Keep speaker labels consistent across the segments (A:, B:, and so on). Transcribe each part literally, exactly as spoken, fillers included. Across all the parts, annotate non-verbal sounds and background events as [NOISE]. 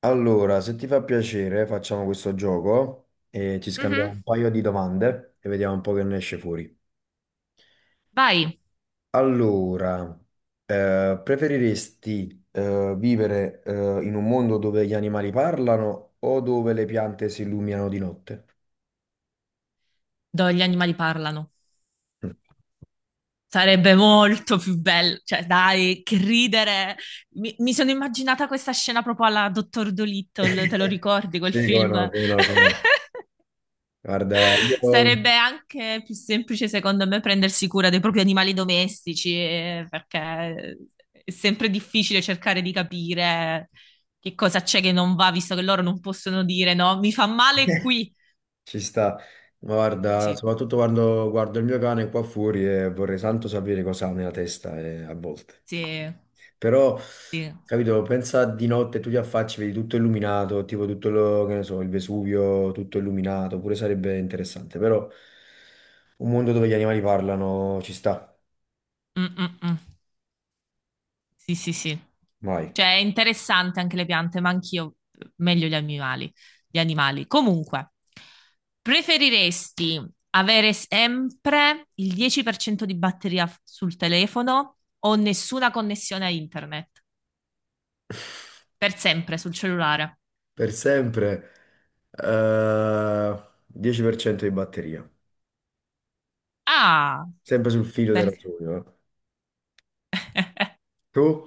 A: Allora, se ti fa piacere, facciamo questo gioco e ci scambiamo
B: Mhm.
A: un paio di domande e vediamo un po' che ne esce fuori.
B: Vai,
A: Allora, eh, Preferiresti eh, vivere, eh, in un mondo dove gli animali parlano o dove le piante si illuminano di notte?
B: dove gli animali parlano.
A: Mm.
B: Sarebbe molto più bello, cioè dai, che ridere. Mi, mi sono immaginata questa scena proprio alla Dottor Dolittle, te lo
A: [LAUGHS]
B: ricordi quel
A: Sì, come
B: film?
A: no,
B: [LAUGHS]
A: come no, come no. Guarda, io
B: Sarebbe anche più semplice, secondo me, prendersi cura dei propri animali domestici, eh, perché è sempre difficile cercare di capire che cosa c'è che non va, visto che loro non possono dire no, mi fa male qui.
A: ci sta. Ma guarda,
B: Sì,
A: soprattutto quando guardo il mio cane qua fuori e vorrei tanto sapere cosa ha nella testa, eh, a volte.
B: sì,
A: Però,
B: sì.
A: capito, pensa di notte tu ti affacci, vedi tutto illuminato, tipo tutto lo, che ne so, il Vesuvio tutto illuminato, pure sarebbe interessante, però un mondo dove gli animali parlano ci sta,
B: Mm, mm, mm. Sì, sì, sì.
A: vai.
B: Cioè, è interessante anche le piante, ma anch'io meglio gli animali. Gli animali. Comunque, preferiresti avere sempre il dieci per cento di batteria f- sul telefono o nessuna connessione a internet? Per sempre sul cellulare.
A: Per sempre, eh, dieci per cento di batteria,
B: Ah,
A: sempre sul filo del
B: perché?
A: rasoio. Eh. Tu?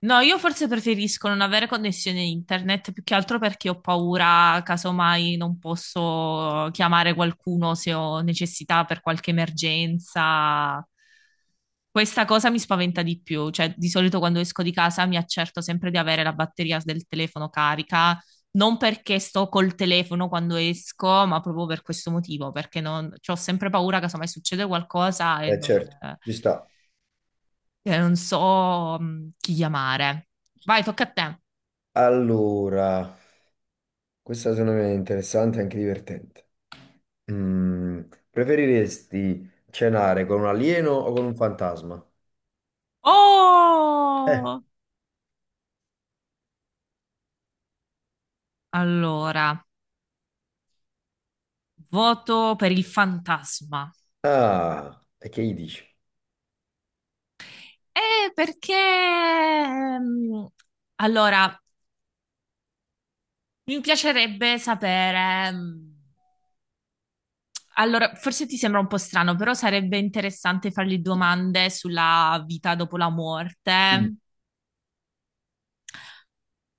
B: No, io forse preferisco non avere connessione internet più che altro perché ho paura, casomai non posso chiamare qualcuno se ho necessità per qualche emergenza. Questa cosa mi spaventa di più, cioè di solito quando esco di casa mi accerto sempre di avere la batteria del telefono carica, non perché sto col telefono quando esco, ma proprio per questo motivo, perché non, cioè, ho sempre paura, casomai succede qualcosa e
A: Eh
B: non
A: certo, ci sta.
B: che non so mm, chi chiamare. Vai, tocca a te.
A: Allora, questa secondo me è interessante e anche divertente. Mm, preferiresti cenare con un alieno o con un fantasma? Eh.
B: Oh! Allora, voto per il fantasma.
A: Ah, e che gli dici?
B: Eh, perché... mm, Allora, mi piacerebbe sapere... mm, Allora, forse ti sembra un po' strano, però sarebbe interessante fargli domande sulla vita dopo la
A: Mm.
B: morte.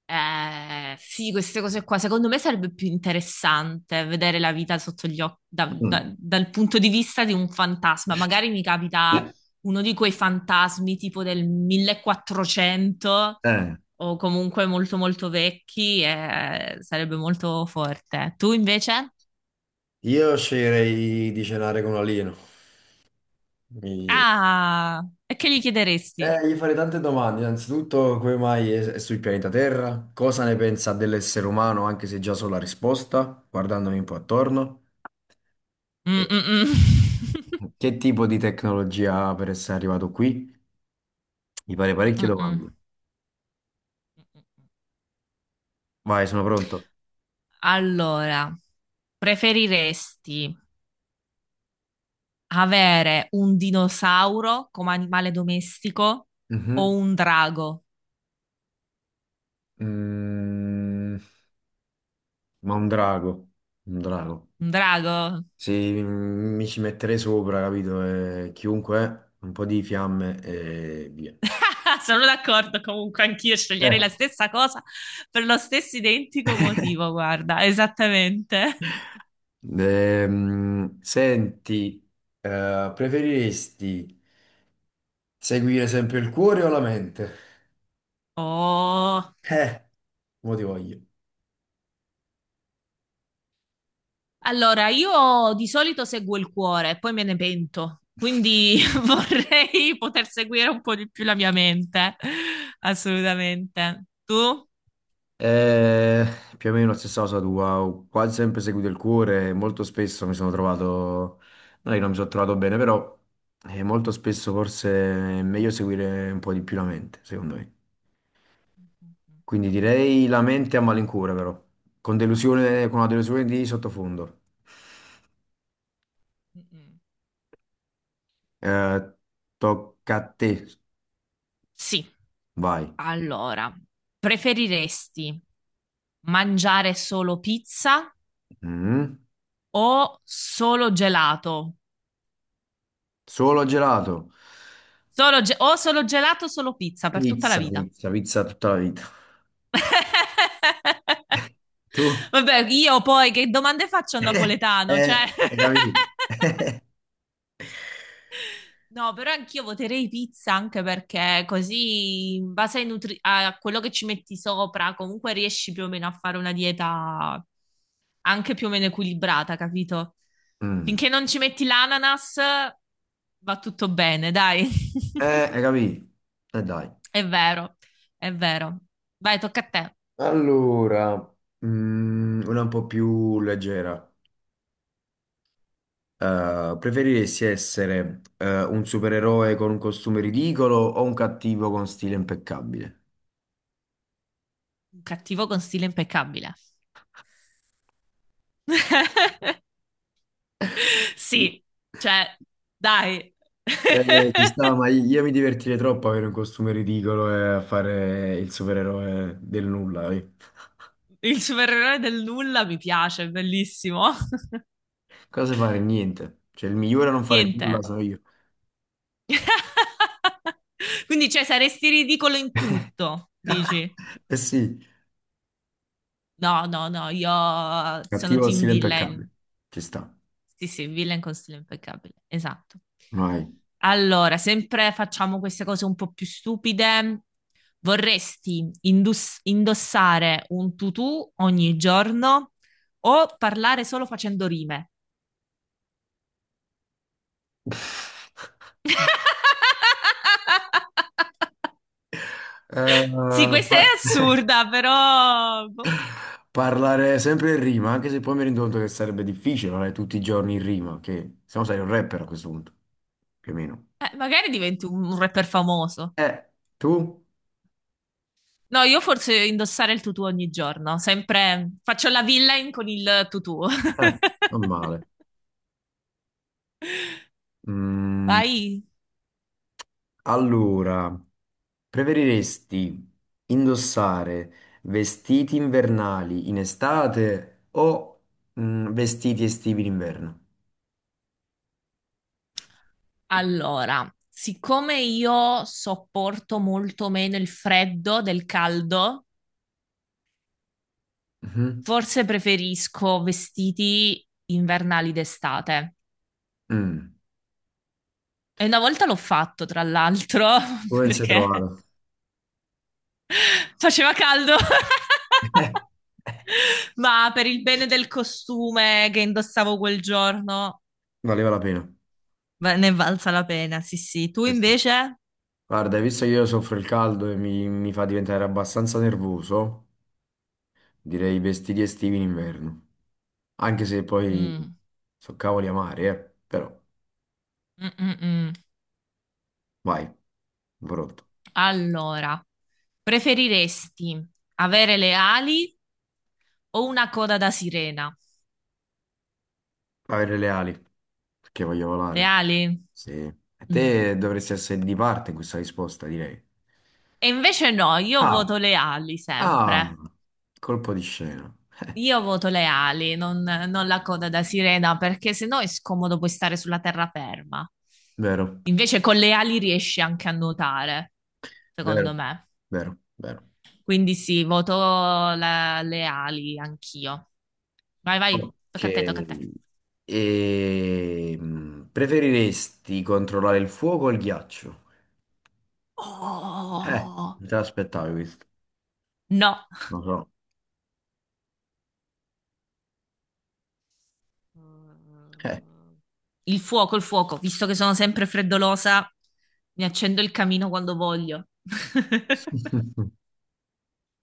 B: Eh, sì, queste cose qua, secondo me sarebbe più interessante vedere la vita sotto gli occhi, da-
A: Mm,
B: da- dal punto di vista di un fantasma. Magari mi capita uno di quei fantasmi tipo del millequattrocento
A: eh,
B: o comunque molto molto vecchi e sarebbe molto forte. Tu invece?
A: io sceglierei di cenare con un alieno. Mi-
B: Ah, e che gli chiederesti?
A: eh, Gli farei tante domande. Innanzitutto, come mai è, è sul pianeta Terra? Cosa ne pensa dell'essere umano, anche se già so la risposta, guardandomi un po' attorno?
B: Mm,
A: E
B: mm, mm. [LAUGHS]
A: che tipo di tecnologia ha per essere arrivato qui? Mi farei
B: Mm,
A: parecchie
B: mm, mm.
A: domande. Vai, sono pronto.
B: Allora, preferiresti avere un dinosauro come animale domestico
A: Mhm.
B: o un drago?
A: Mm, ma un drago, un drago.
B: Un drago?
A: Se mi ci metterei sopra, capito? Eh, chiunque, è, un po' di fiamme e via.
B: [LAUGHS] Sono d'accordo, comunque anch'io sceglierei
A: Eh.
B: la stessa cosa per lo stesso identico motivo, guarda, esattamente.
A: Ehm, senti, eh, preferiresti seguire sempre il cuore o la mente?
B: Oh.
A: Eh, mo ti voglio.
B: Allora, io di solito seguo il cuore, poi me ne pento, quindi [LAUGHS] vorrei poter seguire un po' di più la mia mente, assolutamente. Tu?
A: Eh, Più o meno la stessa cosa tua, ho quasi sempre seguito il cuore, e molto spesso mi sono trovato, no, io non mi sono trovato bene, però, eh, molto spesso forse è meglio seguire un po' di più la mente, secondo me. Quindi direi la mente a malincuore, però, con delusione, con una delusione di sottofondo. Eh, tocca a te,
B: Sì.
A: vai.
B: Allora, preferiresti mangiare solo pizza
A: Mm.
B: o solo gelato?
A: Solo gelato,
B: Solo ge- o solo gelato o solo pizza per tutta la
A: pizza,
B: vita.
A: pizza, pizza tutta la vita.
B: [LAUGHS]
A: [LAUGHS] Tu?
B: Vabbè, io poi che domande faccio a un
A: [LAUGHS] Eh,
B: napoletano? Cioè...
A: eh,
B: [LAUGHS]
A: hai capito?
B: No, però anch'io voterei pizza anche perché così, in base ai nutri- a quello che ci metti sopra, comunque riesci più o meno a fare una dieta. Anche più o meno equilibrata, capito?
A: Mm.
B: Finché non ci metti l'ananas, va tutto bene, dai. [LAUGHS]
A: Eh, hai capito? E dai.
B: È vero, è vero. Vai, tocca a te.
A: Allora, mm, una un po' più leggera. Eh, preferiresti essere, eh, un supereroe con un costume ridicolo o un cattivo con stile impeccabile?
B: Un cattivo con stile impeccabile. [LAUGHS] Sì, cioè, dai.
A: Eh, ci sta, ma
B: [LAUGHS]
A: io mi divertirei troppo a avere un costume ridicolo e a fare il supereroe del nulla. Eh.
B: Il supereroe del nulla mi piace, è bellissimo. [LAUGHS]
A: Cosa fare? Niente. Cioè, il migliore a non fare
B: Niente.
A: nulla sono io.
B: [LAUGHS] Quindi, cioè, saresti ridicolo in tutto, dici?
A: [LAUGHS] Eh sì,
B: No, no, no, io sono
A: cattivo con
B: team
A: stile
B: villain.
A: impeccabile. Ci sta.
B: Sì, sì, villain con stile impeccabile, esatto.
A: Vai.
B: Allora, sempre facciamo queste cose un po' più stupide. Vorresti indus- indossare un tutù ogni giorno o parlare solo facendo rime?
A: [LAUGHS]
B: [LAUGHS]
A: Eh,
B: Sì, questa è
A: pa- [LAUGHS]
B: assurda, però boh.
A: parlare sempre in rima, anche se poi mi rendo conto che sarebbe difficile parlare tutti i giorni in rima, che se no sei un rapper a questo punto, più o meno.
B: Eh, magari diventi un un rapper famoso.
A: Eh, tu?
B: No, io forse indossare il tutù ogni giorno, sempre faccio la villain con il tutù. [LAUGHS]
A: Eh, non male. Mm,
B: Vai.
A: allora, preferiresti indossare vestiti invernali in estate o, mm, vestiti estivi in inverno?
B: Allora, siccome io sopporto molto meno il freddo del caldo,
A: Mhm.
B: forse preferisco vestiti invernali d'estate.
A: Mm.
B: E una volta l'ho fatto, tra l'altro, [LAUGHS]
A: Come ti sei
B: perché
A: trovato?
B: [LAUGHS] faceva caldo, [LAUGHS]
A: [LAUGHS]
B: ma per il bene del costume che indossavo quel giorno,
A: Valeva la pena.
B: va- ne è valsa la pena, sì, sì. Tu
A: Questo.
B: invece?
A: Guarda, visto che io soffro il caldo e mi, mi fa diventare abbastanza nervoso, direi i vestiti estivi in inverno. Anche se poi
B: Mm,
A: so cavoli amari, eh. Però,
B: mm, mm, mm.
A: vai, pronto.
B: Allora, preferiresti avere le ali. Ho una coda da sirena.
A: Avere le ali, perché voglio
B: Le
A: volare.
B: ali?
A: Sì. E
B: Mm.
A: te dovresti essere di parte in questa risposta, direi.
B: E invece no, io
A: Ah,
B: voto le ali
A: ah,
B: sempre.
A: colpo di scena.
B: Io voto le ali, non, non la coda da sirena, perché se no è scomodo poi stare sulla terraferma.
A: Vero,
B: Invece con le ali riesci anche a nuotare,
A: vero,
B: secondo me.
A: vero, vero.
B: Quindi sì, voto la- le ali anch'io. Vai, vai,
A: Ok,
B: tocca a te, tocca a te.
A: e, mm, preferiresti controllare il fuoco o il ghiaccio? Eh,
B: Oh,
A: non te l'aspettavi questo,
B: no.
A: lo so. Eh.
B: Mm, il fuoco, il fuoco, visto che sono sempre freddolosa, mi accendo il camino quando voglio.
A: [LAUGHS]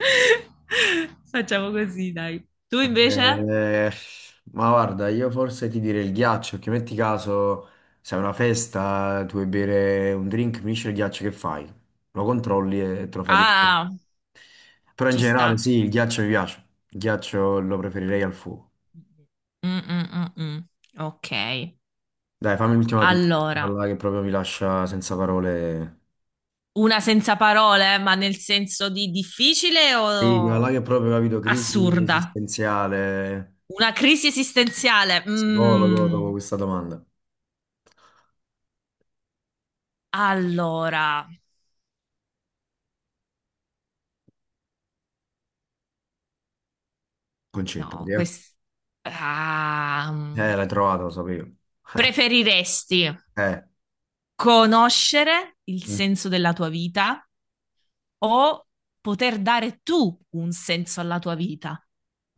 B: [LAUGHS] Facciamo così, dai. Tu invece?
A: Eh, ma guarda, io forse ti direi il ghiaccio, che metti caso, se è una festa, tu vuoi bere un drink, finisce il ghiaccio, che fai? Lo controlli e te lo fai direttamente.
B: Ah,
A: Però in
B: ci
A: generale
B: sta.
A: sì, il ghiaccio mi piace, il ghiaccio lo preferirei al fuoco.
B: Mm, mm, mm, mm. Ok.
A: Dai, fammi l'ultima tu, quella
B: Allora,
A: là che proprio mi lascia senza parole.
B: una senza parole, ma nel senso di difficile
A: Sì, quella là
B: o
A: che proprio, capito, crisi
B: assurda?
A: esistenziale,
B: Una crisi esistenziale.
A: psicologo, dopo
B: Mm.
A: questa domanda.
B: Allora.
A: Concetta,
B: No,
A: perché?
B: questo... Ah, mm.
A: Eh, l'hai trovata, lo sapevo. [LAUGHS]
B: Preferiresti
A: Eh, eh.
B: conoscere il
A: Eh.
B: senso della tua vita o poter dare tu un senso alla tua vita?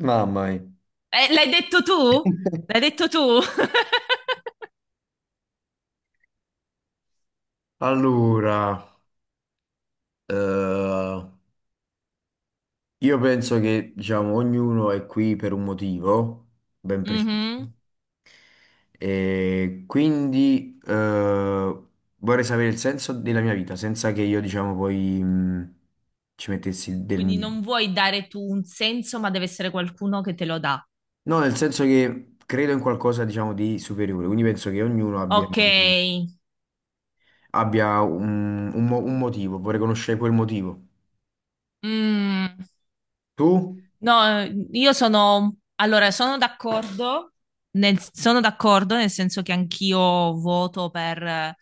A: Mamma mia.
B: Eh, l'hai detto tu? L'hai detto tu? [LAUGHS]
A: Allora, eh, io penso che, diciamo, ognuno è qui per un motivo ben preciso.
B: Mhm.
A: E quindi, eh, vorrei sapere il senso della mia vita senza che io, diciamo, poi, mh, ci mettessi del
B: Quindi
A: mio.
B: non vuoi dare tu un senso, ma deve essere qualcuno che te lo dà.
A: No, nel senso che credo in qualcosa, diciamo, di superiore, quindi penso che ognuno abbia,
B: Ok.
A: abbia un, un mo- un motivo, vorrei conoscere quel motivo.
B: Mm.
A: Tu?
B: No, io sono, allora, sono d'accordo, nel, sono d'accordo nel senso che anch'io voto per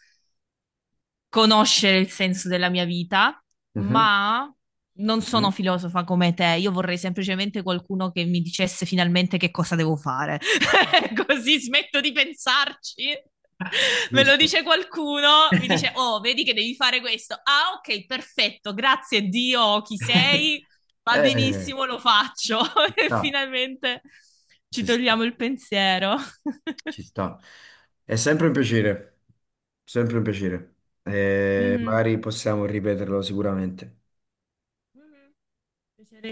B: conoscere il senso della mia vita,
A: Mhm,
B: ma non
A: mhm.
B: sono filosofa come te. Io vorrei semplicemente qualcuno che mi dicesse finalmente che cosa devo fare. [LAUGHS] Così smetto di pensarci. Me lo
A: Giusto.
B: dice qualcuno, mi dice: Oh, vedi che devi fare questo. Ah, ok, perfetto, grazie Dio, chi
A: [LAUGHS]
B: sei? Va
A: Eh,
B: benissimo, lo faccio.
A: ci
B: [LAUGHS] E
A: sta,
B: finalmente ci
A: ci
B: togliamo
A: sta.
B: il pensiero. [LAUGHS]
A: Ci sta. È sempre un piacere, sempre un piacere. Mm. E
B: Mhm.
A: magari possiamo ripeterlo sicuramente.
B: Mhm.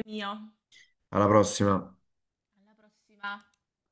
B: Mio.
A: Alla prossima.
B: Alla prossima.